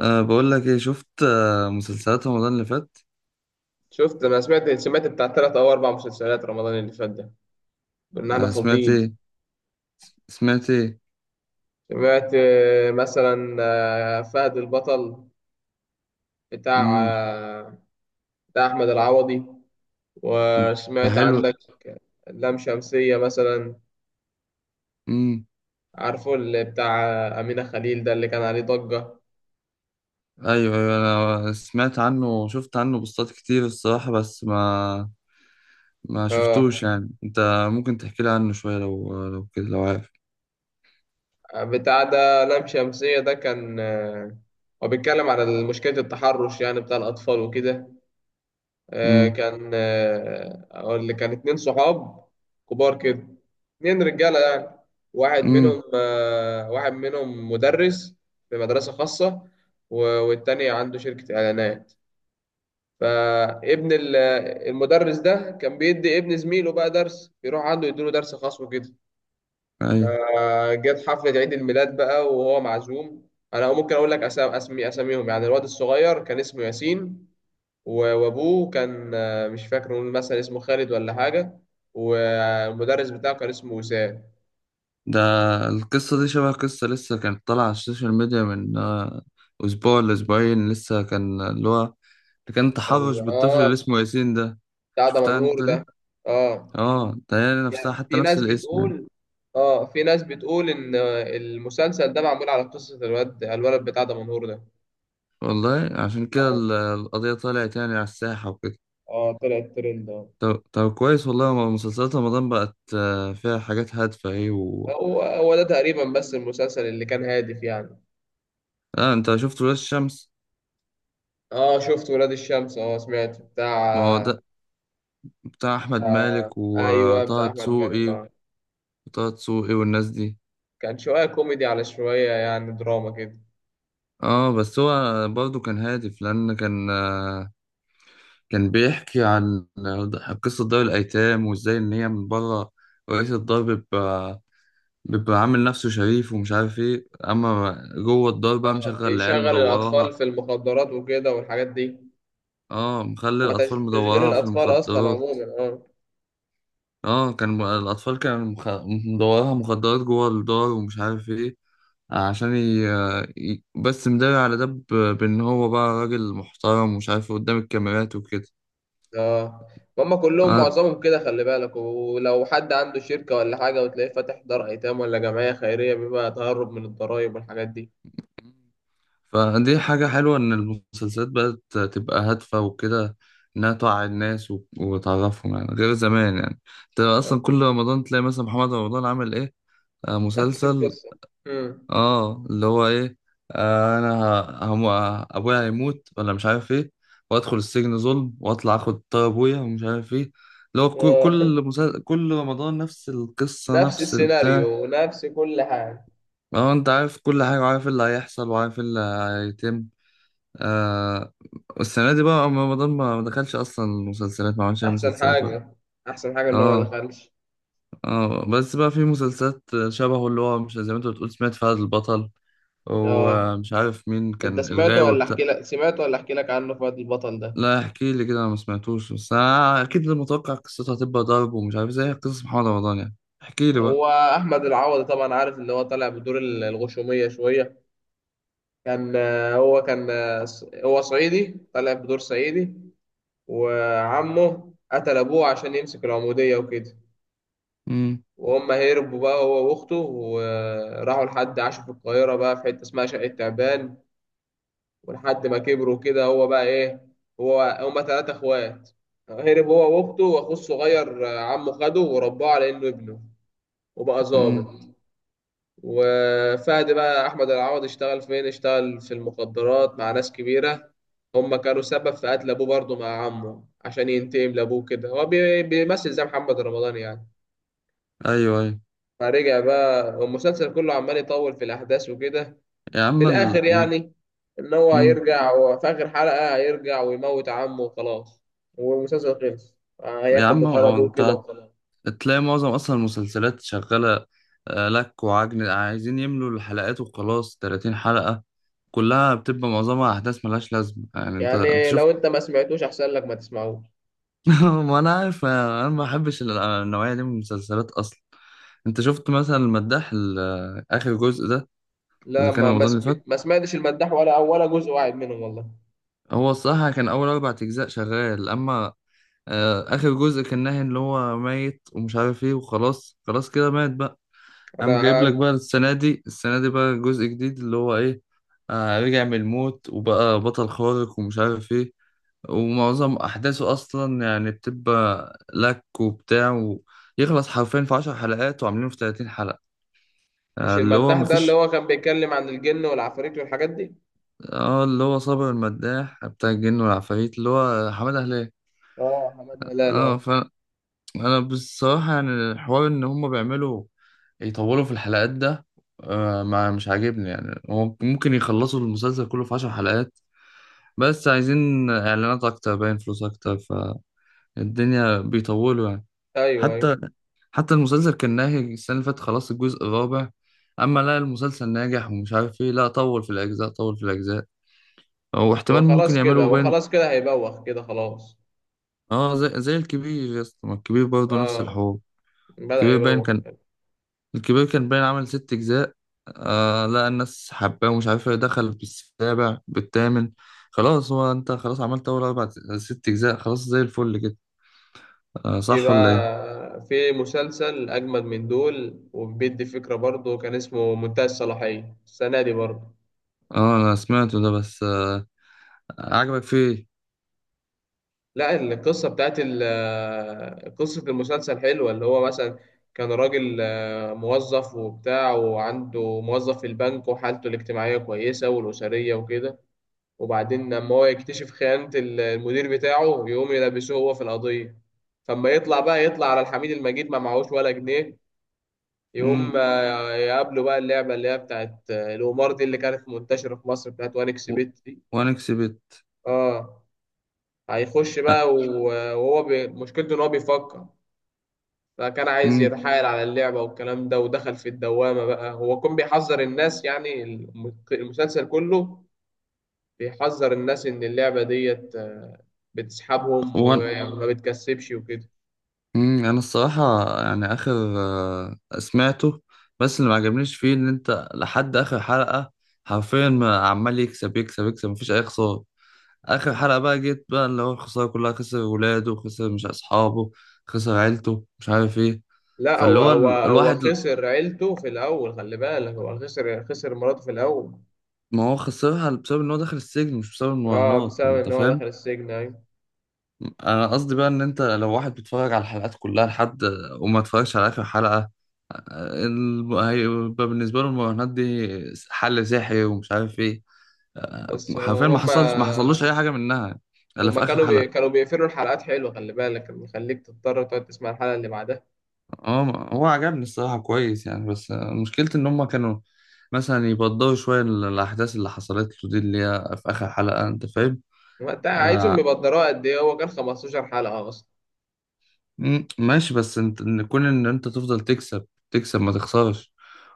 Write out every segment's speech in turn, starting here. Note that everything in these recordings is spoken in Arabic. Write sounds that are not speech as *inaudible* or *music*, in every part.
بقول لك ايه؟ شفت مسلسلات رمضان اللي فات؟ شفت انا سمعت بتاع 3 او 4 مسلسلات رمضان اللي فات ده. كنا احنا سمعت فاضيين. ايه؟ سمعت ايه؟ سمعت مثلا فهد البطل، بتاع امم آه، بتاع احمد العوضي. ده وسمعت حلو. عندك لام شمسية مثلا، امم عارفه اللي بتاع أمينة خليل ده اللي كان عليه ضجة؟ ايوه، ايوه، انا سمعت عنه وشفت عنه بوستات كتير الصراحة، بس ما شفتوش اه، يعني انت. ممكن تحكي لي عنه شوية لو كده، لو عارف. بتاع ده لام شمسية ده كان هو بيتكلم على مشكلة التحرش يعني بتاع الأطفال وكده. امم كان اقول لك كان 2 صحاب كبار كده، 2 رجاله يعني. واحد امم منهم آه، واحد منهم مدرس في مدرسه خاصه، والتاني عنده شركه اعلانات. فابن ال- المدرس ده كان بيدي ابن زميله بقى درس، بيروح عنده يديله درس خاص وكده. ايوه. فجت حفله عيد الميلاد بقى وهو معزوم. انا ممكن اقول لك أسا- اسمي اساميهم يعني. الواد الصغير كان اسمه ياسين، وابوه كان مش فاكر، نقول مثلا اسمه خالد ولا حاجه، والمدرس بتاعه كان اسمه وسام. ده. القصة دي شبه قصة لسه كانت طالعة على السوشيال ميديا من أسبوع لأسبوعين، لسه كان اللي هو اللي كان تحرش بالطفل اللي اه، اسمه ياسين ده. بتاع ده شفتها منهور أنت دي؟ ده. اه، اه، ده هي يعني نفسها حتى، في نفس ناس الاسم يعني. بتقول، اه في ناس بتقول ان المسلسل ده معمول على قصه الولد بتاع ده منهور ده. والله عشان كده اه القضية طلعت يعني على الساحة وكده. اه، طلع الترند اه. طب كويس والله، ما مسلسلات رمضان بقت فيها حاجات هادفة ايه و... هو ده تقريبا، بس المسلسل اللي كان هادف يعني. آه، أنت شفت ولاد الشمس؟ اه شفت ولاد الشمس، اه سمعت بتاع ما هو آه ده، بتاع أحمد آه، مالك ايوه بتاع وطه احمد مالك دسوقي. اه. وطه دسوقي والناس دي. كان شوية كوميدي على شوية يعني دراما كده. اه بس هو برضه كان هادف لان كان كان بيحكي عن قصة دار الايتام وازاي ان هي من بره رئيس الدار بيبقى عامل نفسه شريف ومش عارف ايه، اما جوه الدار بقى اه مشغل العيال بيشغل الأطفال مدورها. في المخدرات وكده والحاجات دي. اه مخلي هو الاطفال تشغيل مدورها في الأطفال أصلا المخدرات. عموما اه. اه كان م- الاطفال كانوا مخ... مدورها مخدرات جوه الدار ومش عارف ايه عشان بس مداري على ده بان هو بقى راجل محترم ومش عارف إيه قدام الكاميرات وكده. اه هما كلهم آه، معظمهم كده، خلي بالك ولو حد عنده شركة ولا حاجة وتلاقيه فاتح دار أيتام ولا جمعية خيرية بيبقى تهرب من الضرايب والحاجات دي. فدي حاجة حلوة إن المسلسلات بقت تبقى هادفة وكده، إنها توعي الناس وتعرفهم يعني، غير زمان يعني. أنت أصلا آه. كل رمضان تلاقي مثلا محمد رمضان عامل إيه، آه نفس مسلسل، القصة. مم. آه اللي هو إيه، آه أنا، ه- هم أبويا هيموت ولا مش عارف إيه، وأدخل السجن ظلم وأطلع آخد طار أبويا ومش عارف إيه، اللي هو كل آه. كل *laughs* كل رمضان نفس القصة نفس نفس البتاع. السيناريو ونفس كل حاجة. ما هو أنت عارف كل حاجة، وعارف إيه اللي هيحصل، وعارف إيه اللي هيتم. آه، والسنة دي بقى رمضان ما دخلش أصلا، المسلسلات ما عملش أي أحسن مسلسلات ولا. حاجة، أحسن حاجة إن هو ما آه. دخلش. آه بس بقى في مسلسلات شبهه، اللي هو مش زي ما أنت بتقول، سمعت فهد البطل اه، ومش عارف مين انت كان سمعته الغاوي ولا بتاع. احكي لك؟ سمعته ولا احكي لك عنه فؤاد البطل ده؟ لا، احكي لي كده أنا ما سمعتوش، بس أنا أكيد متوقع قصتها هتبقى ضرب ومش عارف، زي قصص محمد رمضان يعني. احكي لي بقى. هو احمد العوضي طبعا، عارف اللي هو طالع بدور الغشوميه شويه. كان هو كان هو صعيدي، طالع بدور صعيدي. وعمه قتل ابوه عشان يمسك العموديه وكده، امم وهم هربوا بقى، هو واخته، وراحوا لحد عاشوا في القاهره بقى في حته اسمها شقه تعبان. ولحد ما كبروا كده هو بقى ايه؟ هما 3 اخوات. هرب هو واخته واخوه الصغير. عمه خده ورباه على انه ابنه، وبقى امم ظابط. وفهد بقى، احمد العوضي، اشتغل فين؟ اشتغل في المخدرات مع ناس كبيره. هم كانوا سبب في قتل ابوه برضه مع عمه، عشان ينتقم لابوه كده، هو بيمثل زي محمد رمضان يعني. أيوه، أيوه. فرجع بقى، والمسلسل كله عمال يطول في الاحداث وكده. يا في عم الاخر الم... يعني، ان هو هيرجع، وفي اخر حلقه هيرجع ويموت عمه وخلاص، والمسلسل خلص. يا هياخد عم بطار هو ابوه كده أنت وخلاص. تلاقي معظم اصلا المسلسلات شغاله، لك وعجن، عايزين يملوا الحلقات وخلاص. 30 حلقه كلها بتبقى معظمها احداث ملهاش لازمه يعني، انت يعني شفت. لو انت ما سمعتوش، احسن لك ما تسمعوش. *laughs* ما انا عارف، انا ما بحبش النوعيه دي من المسلسلات اصلا. انت شفت مثلا المداح، اخر جزء ده لا، اللي كان رمضان اللي فات؟ ما سمعتش المداح ولا جزء واحد منهم، والله. هو الصراحه كان اول اربع اجزاء شغال، اما اخر جزء كان ناهي اللي هو ميت ومش عارف ايه، وخلاص خلاص كده مات بقى. قام جايب لك بقى انا السنة دي بقى جزء جديد اللي هو إيه، آه رجع من الموت وبقى بطل خارق ومش عارف إيه. ومعظم أحداثه أصلا يعني بتبقى لك وبتاع، ويخلص حرفيا في 10 حلقات وعاملينه في 30 حلقة. مش آه اللي هو المداح ده اللي مفيش. هو كان بيتكلم عن الجن والعفاريت والحاجات دي؟ آه اللي هو صابر المداح، بتاع الجن والعفاريت، اللي هو حمادة هلال. اه، حماده هلال اه. آه. انا بصراحه يعني الحوار ان هم بيعملوا يطولوا في الحلقات ده ما مش عاجبني يعني. هو ممكن يخلصوا المسلسل كله في 10 حلقات، بس عايزين اعلانات اكتر، باين فلوس اكتر، فالدنيا بيطولوا يعني. ايوه ايوه. حتى حتى المسلسل كان ناهي السنه اللي فاتت خلاص الجزء الرابع، اما لا المسلسل ناجح ومش عارف ايه، لا طول في الاجزاء، طول في الاجزاء، او احتمال ممكن يعملوا هو باين. خلاص كده هيبوخ كده خلاص. اه زي الكبير يا اسطى، ما الكبير برضه نفس اه الحوار. بدأ الكبير باين يبوخ. كان الكبير كان باين عمل ست أجزاء. آه لا الناس حباه ومش عارف ايه، دخل بالسابع بالثامن. خلاص هو انت خلاص عملت أول أربع، ست أجزاء خلاص زي الفل كده، آه صح ولا ايه؟ في مسلسل اجمد من دول، وبيدي فكرة برضه، كان اسمه منتهى الصلاحية، السنة دي برضه. اه أنا سمعته ده، بس آه، عجبك فيه؟ لا، قصة المسلسل حلوة. اللي هو مثلا كان راجل موظف وبتاع، وعنده موظف في البنك، وحالته الاجتماعية كويسة والأسرية وكده. وبعدين لما هو يكتشف خيانة المدير بتاعه، يقوم يلبسوه هو في القضية. فما يطلع بقى، يطلع على الحميد المجيد ما معهوش ولا جنيه. يقوم مم. يقابله بقى اللعبة اللي هي بتاعت القمار دي، اللي كانت منتشرة في مصر، بتاعت وانكس و- بيت دي. وأنا كسبت. اه هيخش آه، بقى، وهو مشكلته ان هو بيفكر. فكان عايز مم. يتحايل على اللعبة والكلام ده، ودخل في الدوامة بقى. هو كان بيحذر الناس يعني، المسلسل كله بيحذر الناس إن اللعبة ديت بتسحبهم وأنا. وما بتكسبش وكده. مم. أنا الصراحة يعني آخر، آه سمعته، بس اللي ما عجبنيش فيه إن أنت لحد آخر حلقة حرفيا عمال يكسب يكسب يكسب، مفيش أي خسارة. اخر حلقه بقى جيت بقى اللي هو الخساره كلها، خسر ولاده، خسر مش اصحابه، خسر عيلته، مش عارف ايه. لا، فاللي هو هو هو ال... هو الواحد ل- خسر عيلته في الأول، خلي بالك، هو خسر مراته في الأول. ما هو خسرها بسبب ان هو دخل السجن مش بسبب اه، المراهنات، بسبب انت إن هو دخل فاهم؟ السجن، أيوة. انا قصدي بقى ان انت لو واحد بيتفرج على الحلقات كلها لحد، وما اتفرجش على اخر حلقه، هيبقى بالنسبه له المراهنات دي حل سحري ومش عارف ايه، بس حرفيا ما حصلش ما حصلوش اي هما حاجه منها، الا هما في اخر كانوا بي حلقه. كانوا بيقفلوا الحلقات حلوة، خلي بالك، كان بيخليك تضطر تقعد تسمع الحلقة اللي بعدها. هو عجبني الصراحة كويس يعني، بس مشكلتي ان هم كانوا مثلا يبضوا شوية الأحداث اللي حصلت له دي اللي هي في آخر حلقة، أنت فاهم؟ ما انت عايزهم آه يبقى الدراء قد ايه؟ هو كان 15 حلقة اصلا. مم، ماشي، بس انت ان كون ان انت تفضل تكسب تكسب ما تخسرش،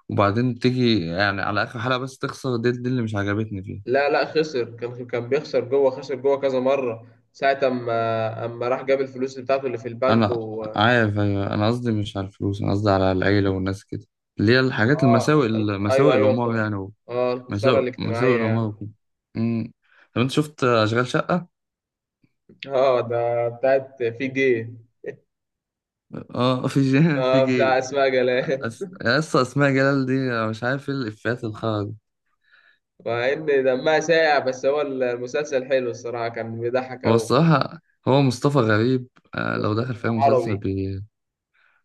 وبعدين تيجي يعني على آخر حلقة بس تخسر، دي اللي مش عجبتني فيه. لا لا، خسر، كان بيخسر جوه، خسر جوه كذا مرة، ساعة أما راح جاب الفلوس بتاعته اللي في البنك انا و... عارف أيوة، انا قصدي مش على الفلوس، انا قصدي على العيلة والناس كده، اللي هي الحاجات المساوئ، أيوه مساوئ أيوه، الأمور يعني، آه، الخسارة مساوئ مساوئ الاجتماعية الأمور يعني. وكده. مم. طب انت شفت أشغال شقة؟ آه، ده بتاعت في جي. اه في جي. *laughs* في آه، بتاع جي. أسماء جلال. يا اسطى اسماء جلال دي أنا مش عارف ايه الافيهات الخرا دي. *laughs* مع إن دمها ساقع، بس هو المسلسل حلو الصراحة، كان بيضحك هو أوي. الصراحه، هو مصطفى غريب لو دخل مصطفى في اي مسلسل عربي،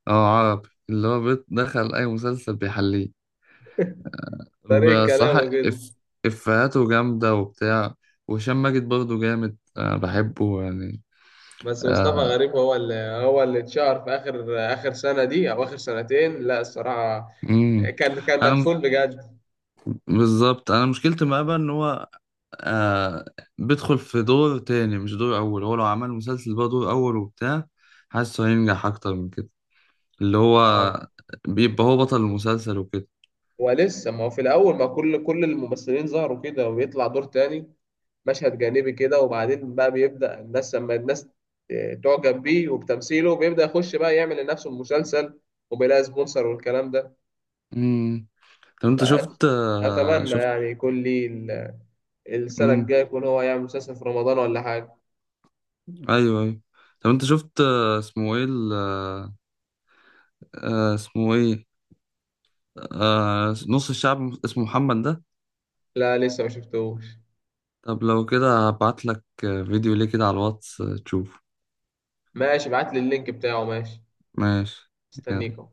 اه، عربي، اللي هو بيت دخل اي مسلسل بيحليه. طريقة بصراحه كلامه كده. افيهاته جامده وبتاع، وهشام ماجد برضه جامد بحبه يعني. بس مصطفى غريب هو اللي اتشهر في اخر اخر سنه دي او اخر سنتين لا الصراحه، امم كان انا م- مدفون بجد. بالظبط انا مشكلتي معاه بقى ان هو آه بيدخل في دور تاني مش دور أول، هو لو عمل مسلسل بقى دور أول وبتاع، حاسه هينجح أكتر من كده، اللي اه، هو بيبقى هو بطل المسلسل وكده. ولسه ما هو في الاول ما كل الممثلين ظهروا كده، ويطلع دور تاني مشهد جانبي كده، وبعدين بقى بيبدا لما الناس تعجب بيه وبتمثيله بيبدا يخش بقى يعمل لنفسه المسلسل، وبيلاقي سبونسر والكلام ده. امم طب أنت شفت فاتمنى شفت. يعني يكون لي السنه امم الجايه يكون هو يعمل مسلسل في رمضان ولا حاجه. أيوه أيوه. طب أنت شفت اسمه إيه اسمه إيه، آه نص الشعب اسمه محمد ده. لا لسه ما شفتوش. طب لو كده هبعتلك فيديو ليه كده على الواتس تشوفه. ماشي، ابعت لي اللينك بتاعه، ماشي. ماشي. استنيك يلا. اهو.